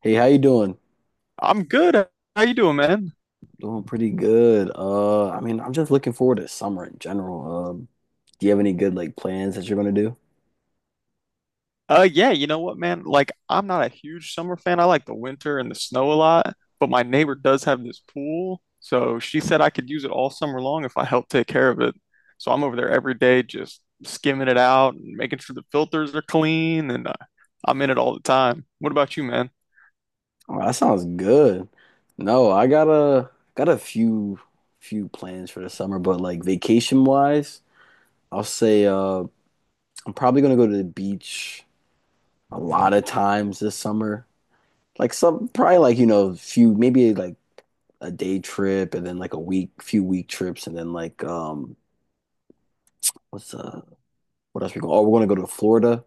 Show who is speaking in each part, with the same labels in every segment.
Speaker 1: Hey, how you doing?
Speaker 2: I'm good. How you doing, man?
Speaker 1: Doing pretty good. I mean, I'm just looking forward to summer in general. Do you have any good like plans that you're gonna do?
Speaker 2: Yeah, you know what, man? Like, I'm not a huge summer fan. I like the winter and the snow a lot, but my neighbor does have this pool, so she said I could use it all summer long if I help take care of it. So I'm over there every day just skimming it out and making sure the filters are clean, and I'm in it all the time. What about you, man?
Speaker 1: Oh, that sounds good. No, I got a few plans for the summer, but like vacation wise, I'll say I'm probably gonna go to the beach a lot of times this summer. Like some probably like, you know, few maybe like a day trip and then like a week, few week trips and then like what's uh what else we go? Oh, we're gonna go to Florida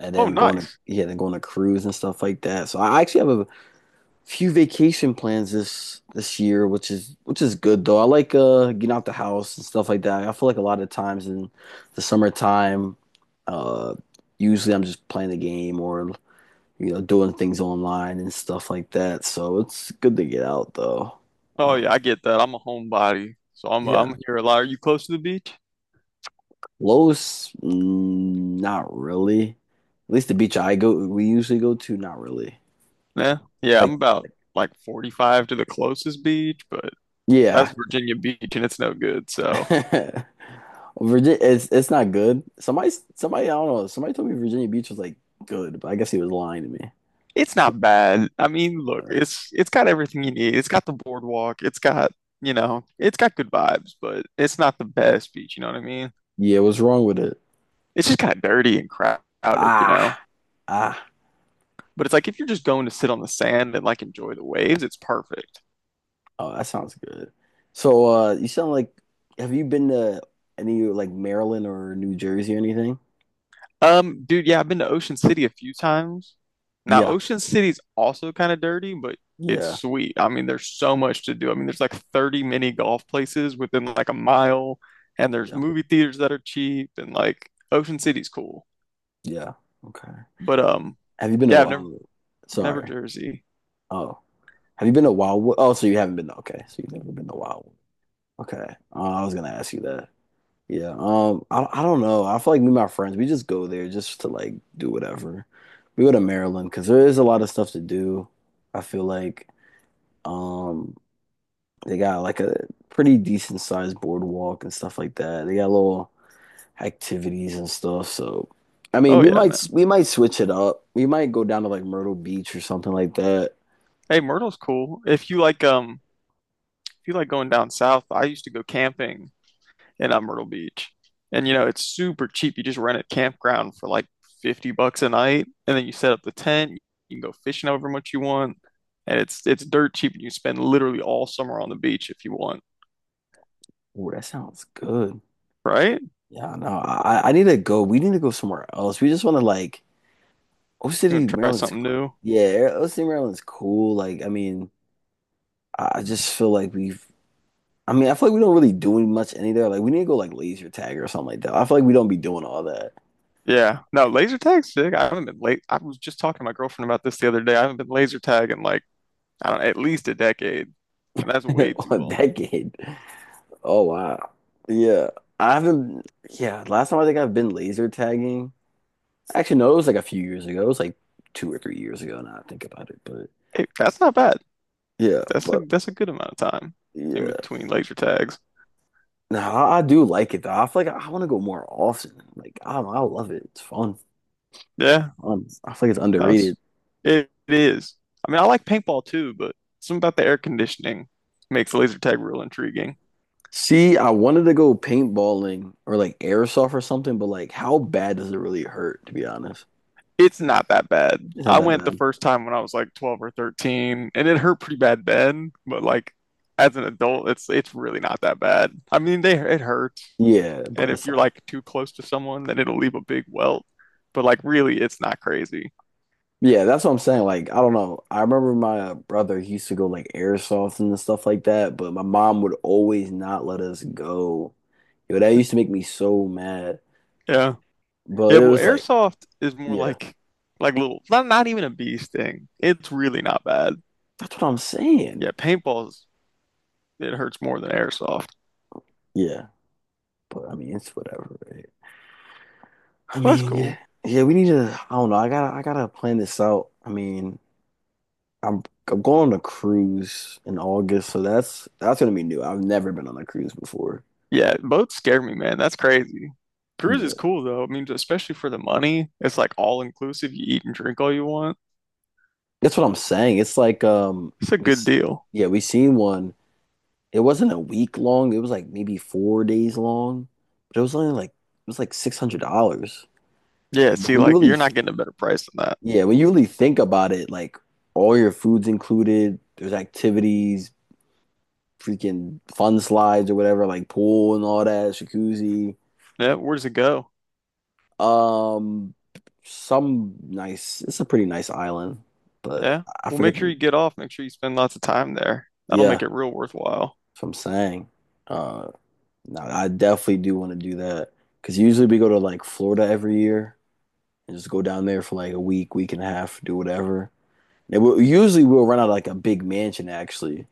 Speaker 1: and
Speaker 2: Oh,
Speaker 1: then going to
Speaker 2: nice.
Speaker 1: yeah, then going to cruise and stuff like that. So I actually have a few vacation plans this year, which is good though. I like getting out the house and stuff like that. I feel like a lot of times in the summertime, uh, usually I'm just playing the game or you know doing things online and stuff like that. So it's good to get out though.
Speaker 2: Oh
Speaker 1: Um,
Speaker 2: yeah, I get that. I'm a homebody, so I'm
Speaker 1: yeah,
Speaker 2: I'm here a lot. Are you close to the beach?
Speaker 1: Not really. At least the beach I go we usually go to, not really.
Speaker 2: Yeah, yeah,
Speaker 1: Like
Speaker 2: I'm about like 45 to the closest beach, but
Speaker 1: yeah,
Speaker 2: that's Virginia Beach and it's no good. So
Speaker 1: Virginia, it's not good. Somebody, I don't know. Somebody told me Virginia Beach was like good, but I guess he was lying to me.
Speaker 2: it's not bad. I mean, look, it's got everything you need. It's got the boardwalk. It's got, you know, it's got good vibes, but it's not the best beach, you know what I mean?
Speaker 1: Yeah, what's wrong with it?
Speaker 2: It's just kind of dirty and crowded, you know?
Speaker 1: Ah, ah.
Speaker 2: But it's like if you're just going to sit on the sand and like enjoy the waves, it's perfect.
Speaker 1: Oh, that sounds good. So, you sound like, have you been to any like Maryland or New Jersey or anything?
Speaker 2: Dude, yeah, I've been to Ocean City a few times. Now,
Speaker 1: Yeah,
Speaker 2: Ocean City's also kind of dirty, but it's
Speaker 1: yeah,
Speaker 2: sweet. I mean, there's so much to do. I mean, there's like 30 mini golf places within like a mile, and there's
Speaker 1: yeah,
Speaker 2: movie theaters that are cheap, and like Ocean City's cool.
Speaker 1: yeah. Okay.
Speaker 2: But
Speaker 1: Have you been to?
Speaker 2: yeah, I've never
Speaker 1: Oh,
Speaker 2: never
Speaker 1: sorry.
Speaker 2: Jersey.
Speaker 1: Oh, have you been to Wildwood? Oh, so you haven't been. Okay, so you've never been to Wildwood. Okay. I was gonna ask you that. Yeah. I don't know. I feel like me and my friends, we just go there just to like do whatever. We go to Maryland because there is a lot of stuff to do. I feel like um they got like a pretty decent sized boardwalk and stuff like that. They got little activities and stuff. So I mean,
Speaker 2: Oh
Speaker 1: we
Speaker 2: yeah, man.
Speaker 1: might switch it up. We might go down to like Myrtle Beach or something like that.
Speaker 2: Hey, Myrtle's cool. If you like going down south, I used to go camping in Myrtle Beach. And you know, it's super cheap. You just rent a campground for like $50 a night, and then you set up the tent. You can go fishing however much you want, and it's dirt cheap, and you spend literally all summer on the beach if you want,
Speaker 1: Oh, that sounds good.
Speaker 2: right?
Speaker 1: Yeah, no, I need to go. We need to go somewhere else. We just want to like O
Speaker 2: You
Speaker 1: City,
Speaker 2: want to try
Speaker 1: Maryland's
Speaker 2: something new?
Speaker 1: yeah, O City, Maryland's cool. Like, I mean, I just feel like we've I mean, I feel like we don't really do much any there. Like we need to go like laser tag or something like that. I feel like we don't be doing all that
Speaker 2: Yeah. No, laser tag's sick. I haven't been late. I was just talking to my girlfriend about this the other day. I haven't been laser tag in like, I don't know, at least a decade, and that's way too
Speaker 1: on
Speaker 2: long.
Speaker 1: that game. Oh wow. Yeah. I haven't yeah, last time I think I've been laser tagging. Actually, no, it was like a few years ago. It was like 2 or 3 years ago now I think about it. But
Speaker 2: Hey, that's not bad.
Speaker 1: yeah,
Speaker 2: That's a
Speaker 1: but
Speaker 2: that's a good amount of time in
Speaker 1: yeah.
Speaker 2: between laser tags.
Speaker 1: No, I do like it though. I feel like I, want to go more often. Like I love it. It's fun.
Speaker 2: Yeah.
Speaker 1: I feel like it's
Speaker 2: No, it's
Speaker 1: underrated.
Speaker 2: it is. I mean, I like paintball too, but something about the air conditioning makes laser tag real intriguing.
Speaker 1: See, I wanted to go paintballing or like airsoft or something, but like, how bad does it really hurt, to be honest?
Speaker 2: It's not that bad.
Speaker 1: It's not
Speaker 2: I
Speaker 1: that
Speaker 2: went the
Speaker 1: bad.
Speaker 2: first time when I was like 12 or 13, and it hurt pretty bad then, but like as an adult, it's really not that bad. I mean, they it hurts,
Speaker 1: Yeah,
Speaker 2: and
Speaker 1: but
Speaker 2: if
Speaker 1: it's
Speaker 2: you're
Speaker 1: like,
Speaker 2: like too close to someone, then it'll leave a big welt. But like really, it's not crazy.
Speaker 1: yeah, that's what I'm saying. Like, I don't know. I remember my brother he used to go like airsoft and stuff like that, but my mom would always not let us go. Yo, that used to make me so mad.
Speaker 2: Yeah.
Speaker 1: But
Speaker 2: Yeah,
Speaker 1: it
Speaker 2: well,
Speaker 1: was like,
Speaker 2: airsoft is more
Speaker 1: yeah,
Speaker 2: like little not even a bee sting. It's really not bad.
Speaker 1: that's what I'm saying.
Speaker 2: Yeah, paintballs it hurts more than airsoft.
Speaker 1: Yeah, but I mean, it's whatever, right? I
Speaker 2: Well, that's
Speaker 1: mean, yeah,
Speaker 2: cool.
Speaker 1: yeah, we need to. I don't know. I gotta plan this out. I mean, I'm, I'm going on a cruise in August, so that's gonna be new. I've never been on a cruise before.
Speaker 2: Yeah, boats scare me, man. That's crazy. Cruise
Speaker 1: Yeah,
Speaker 2: is cool though. I mean, especially for the money, it's like all inclusive. You eat and drink all you want.
Speaker 1: that's what I'm saying. It's like,
Speaker 2: It's a good deal.
Speaker 1: yeah, we seen one. It wasn't a week long. It was like maybe 4 days long, but it was only like it was like $600.
Speaker 2: Yeah,
Speaker 1: But
Speaker 2: see,
Speaker 1: when you
Speaker 2: like you're
Speaker 1: really,
Speaker 2: not getting a better price than that.
Speaker 1: yeah, when you really think about it, like all your food's included. There's activities, freaking fun slides or whatever, like pool and all that, jacuzzi.
Speaker 2: Yeah, where does it go?
Speaker 1: Um, some nice. It's a pretty nice island, but
Speaker 2: Yeah.
Speaker 1: I
Speaker 2: Well,
Speaker 1: forget.
Speaker 2: make sure
Speaker 1: The,
Speaker 2: you get off. Make sure you spend lots of time there. That'll
Speaker 1: yeah,
Speaker 2: make
Speaker 1: that's
Speaker 2: it real worthwhile.
Speaker 1: what I'm saying. Uh, no, I definitely do want to do that because usually we go to like Florida every year and just go down there for like a week, week and a half, do whatever. Usually we'll rent out like a big mansion actually,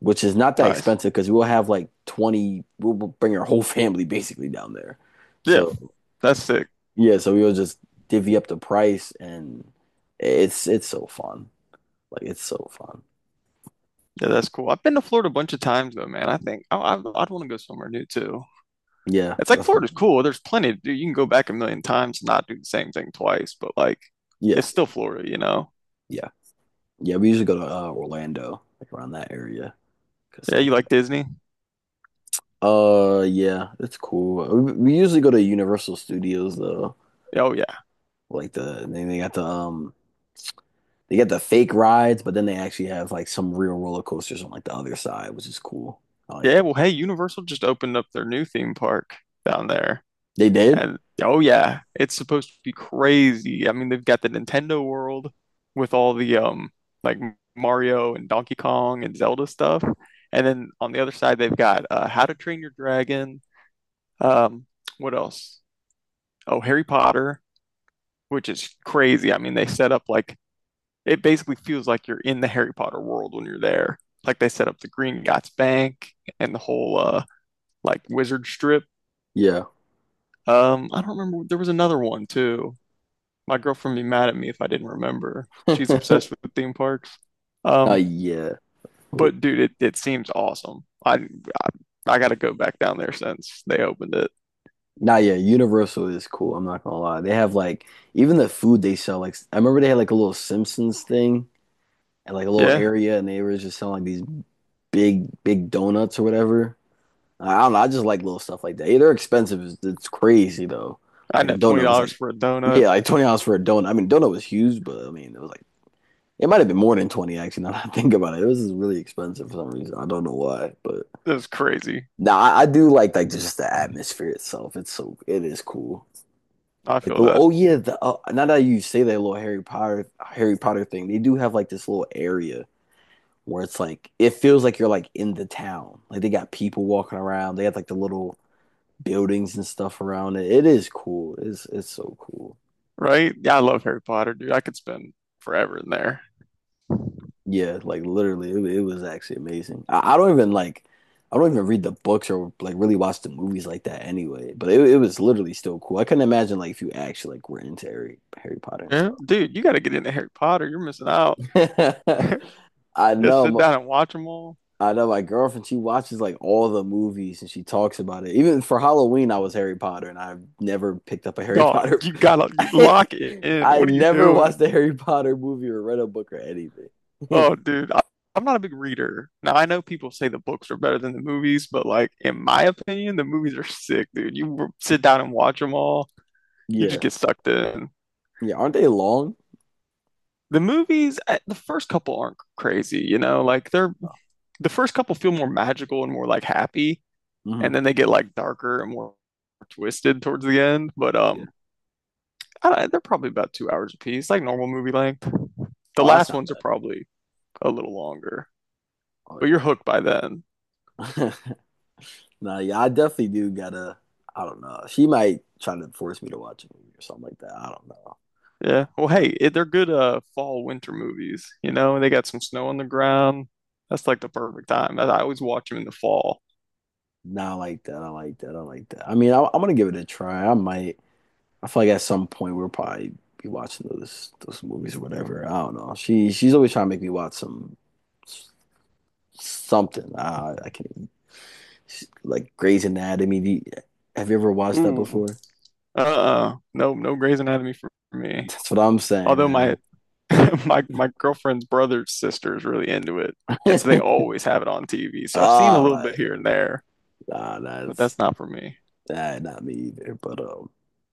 Speaker 1: which is not that
Speaker 2: Nice.
Speaker 1: expensive because we'll have like 20, we'll bring our whole family basically down there.
Speaker 2: Yeah,
Speaker 1: So
Speaker 2: that's sick.
Speaker 1: yeah, so we will just divvy up the price and it's so fun. Like it's so fun.
Speaker 2: Yeah, that's cool. I've been to Florida a bunch of times though, man. I think I'd want to go somewhere new too.
Speaker 1: Yeah,
Speaker 2: It's like
Speaker 1: that's what I'm
Speaker 2: Florida's
Speaker 1: saying.
Speaker 2: cool. There's plenty to do. You can go back a million times and not do the same thing twice, but like
Speaker 1: Yeah,
Speaker 2: it's still Florida, you know?
Speaker 1: yeah. Yeah, we usually go to Orlando, like around that area, cause
Speaker 2: Yeah,
Speaker 1: like
Speaker 2: you like Disney?
Speaker 1: yeah, it's cool. We usually go to Universal Studios though.
Speaker 2: Oh yeah.
Speaker 1: Like they got they got the fake rides, but then they actually have like some real roller coasters on like the other side, which is cool. I like
Speaker 2: Yeah,
Speaker 1: that.
Speaker 2: well hey, Universal just opened up their new theme park down there.
Speaker 1: They did?
Speaker 2: And oh yeah, it's supposed to be crazy. I mean, they've got the Nintendo World with all the like Mario and Donkey Kong and Zelda stuff. And then on the other side they've got How to Train Your Dragon. Um what else? Oh, Harry Potter, which is crazy. I mean, they set up like it basically feels like you're in the Harry Potter world when you're there. Like they set up the Green Gots Bank and the whole like wizard strip.
Speaker 1: Yeah.
Speaker 2: I don't remember. There was another one too. My girlfriend would be mad at me if I didn't remember. She's obsessed with theme parks. Um,
Speaker 1: Yeah.
Speaker 2: but dude, it seems awesome. I I gotta go back down there since they opened it.
Speaker 1: Nah, yeah, Universal is cool. I'm not gonna lie. They have like even the food they sell. Like I remember they had like a little Simpsons thing and like a little
Speaker 2: Yeah,
Speaker 1: area, and they were just selling like these big, big donuts or whatever. I don't know. I just like little stuff like that. Yeah, they're expensive. It's crazy though.
Speaker 2: I
Speaker 1: Like the
Speaker 2: net twenty
Speaker 1: donut was
Speaker 2: dollars
Speaker 1: like,
Speaker 2: for a donut.
Speaker 1: yeah, like $20 for a donut. I mean, donut was huge, but I mean, it was like it might have been more than 20 actually. Now that I think about it, it was really expensive for some reason. I don't know why, but
Speaker 2: That's crazy.
Speaker 1: nah, I do like just the atmosphere itself. It's so it is cool.
Speaker 2: I
Speaker 1: Like
Speaker 2: feel that.
Speaker 1: oh yeah, now that you say that little Harry Potter thing, they do have like this little area where it's like it feels like you're like in the town. Like they got people walking around. They have like the little buildings and stuff around it. It is cool. It's so cool.
Speaker 2: Right? Yeah, I love Harry Potter, dude. I could spend forever in there.
Speaker 1: Yeah, like literally, it was actually amazing. I don't even like I don't even read the books or like really watch the movies like that anyway. But it was literally still cool. I couldn't imagine like if you actually like were into Harry Potter and
Speaker 2: Yeah.
Speaker 1: stuff.
Speaker 2: Dude, you got to get into Harry Potter. You're missing out.
Speaker 1: I
Speaker 2: Just sit
Speaker 1: know.
Speaker 2: down and watch them all.
Speaker 1: I know my girlfriend, she watches like all the movies and she talks about it. Even for Halloween, I was Harry Potter and I've never picked up a Harry
Speaker 2: Dog,
Speaker 1: Potter.
Speaker 2: you gotta you lock it in.
Speaker 1: I
Speaker 2: What are you
Speaker 1: never watched a
Speaker 2: doing?
Speaker 1: Harry Potter movie or read a book or anything.
Speaker 2: Oh, dude, I'm not a big reader. Now, I know people say the books are better than the movies, but like in my opinion, the movies are sick, dude. Sit down and watch them all. You just
Speaker 1: Yeah.
Speaker 2: get sucked in.
Speaker 1: Yeah. Aren't they long?
Speaker 2: The movies, the first couple aren't crazy, you know, like the first couple feel more magical and more like happy,
Speaker 1: Hmm.
Speaker 2: and then they get like darker and more twisted towards the end. But
Speaker 1: Yeah.
Speaker 2: I don't, they're probably about 2 hours a piece, like normal movie length. The
Speaker 1: Oh, that's
Speaker 2: last
Speaker 1: not
Speaker 2: ones are
Speaker 1: bad.
Speaker 2: probably a little longer,
Speaker 1: Oh,
Speaker 2: but you're hooked by then.
Speaker 1: yeah. Nah, yeah, I definitely do gotta. I don't know. She might try to force me to watch a movie or something like that. I don't know.
Speaker 2: Yeah. Well,
Speaker 1: Uh,
Speaker 2: hey, it, they're good fall winter movies. You know, they got some snow on the ground. That's like the perfect time. I always watch them in the fall.
Speaker 1: nah, I like that. I like that. I like that. I mean, I'm gonna give it a try. I might. I feel like at some point we'll probably be watching those movies or whatever. I don't know. She's always trying to make me watch something. I can't even, like Grey's Anatomy. Have you ever watched that
Speaker 2: Ooh,
Speaker 1: before?
Speaker 2: uh-uh. No, no Grey's Anatomy for me.
Speaker 1: That's what I'm saying,
Speaker 2: Although my
Speaker 1: man.
Speaker 2: my girlfriend's brother's sister is really into it, and so they always have it on TV. So I've seen a
Speaker 1: Ah,
Speaker 2: little bit here
Speaker 1: like
Speaker 2: and there,
Speaker 1: nah,
Speaker 2: but
Speaker 1: that's
Speaker 2: that's not for me.
Speaker 1: that not me either. But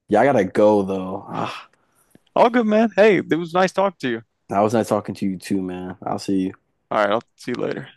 Speaker 1: yeah, I gotta go though. Ah,
Speaker 2: All good, man. Hey, it was nice talking to you.
Speaker 1: I was nice talking to you too, man. I'll see you.
Speaker 2: All right, I'll see you later.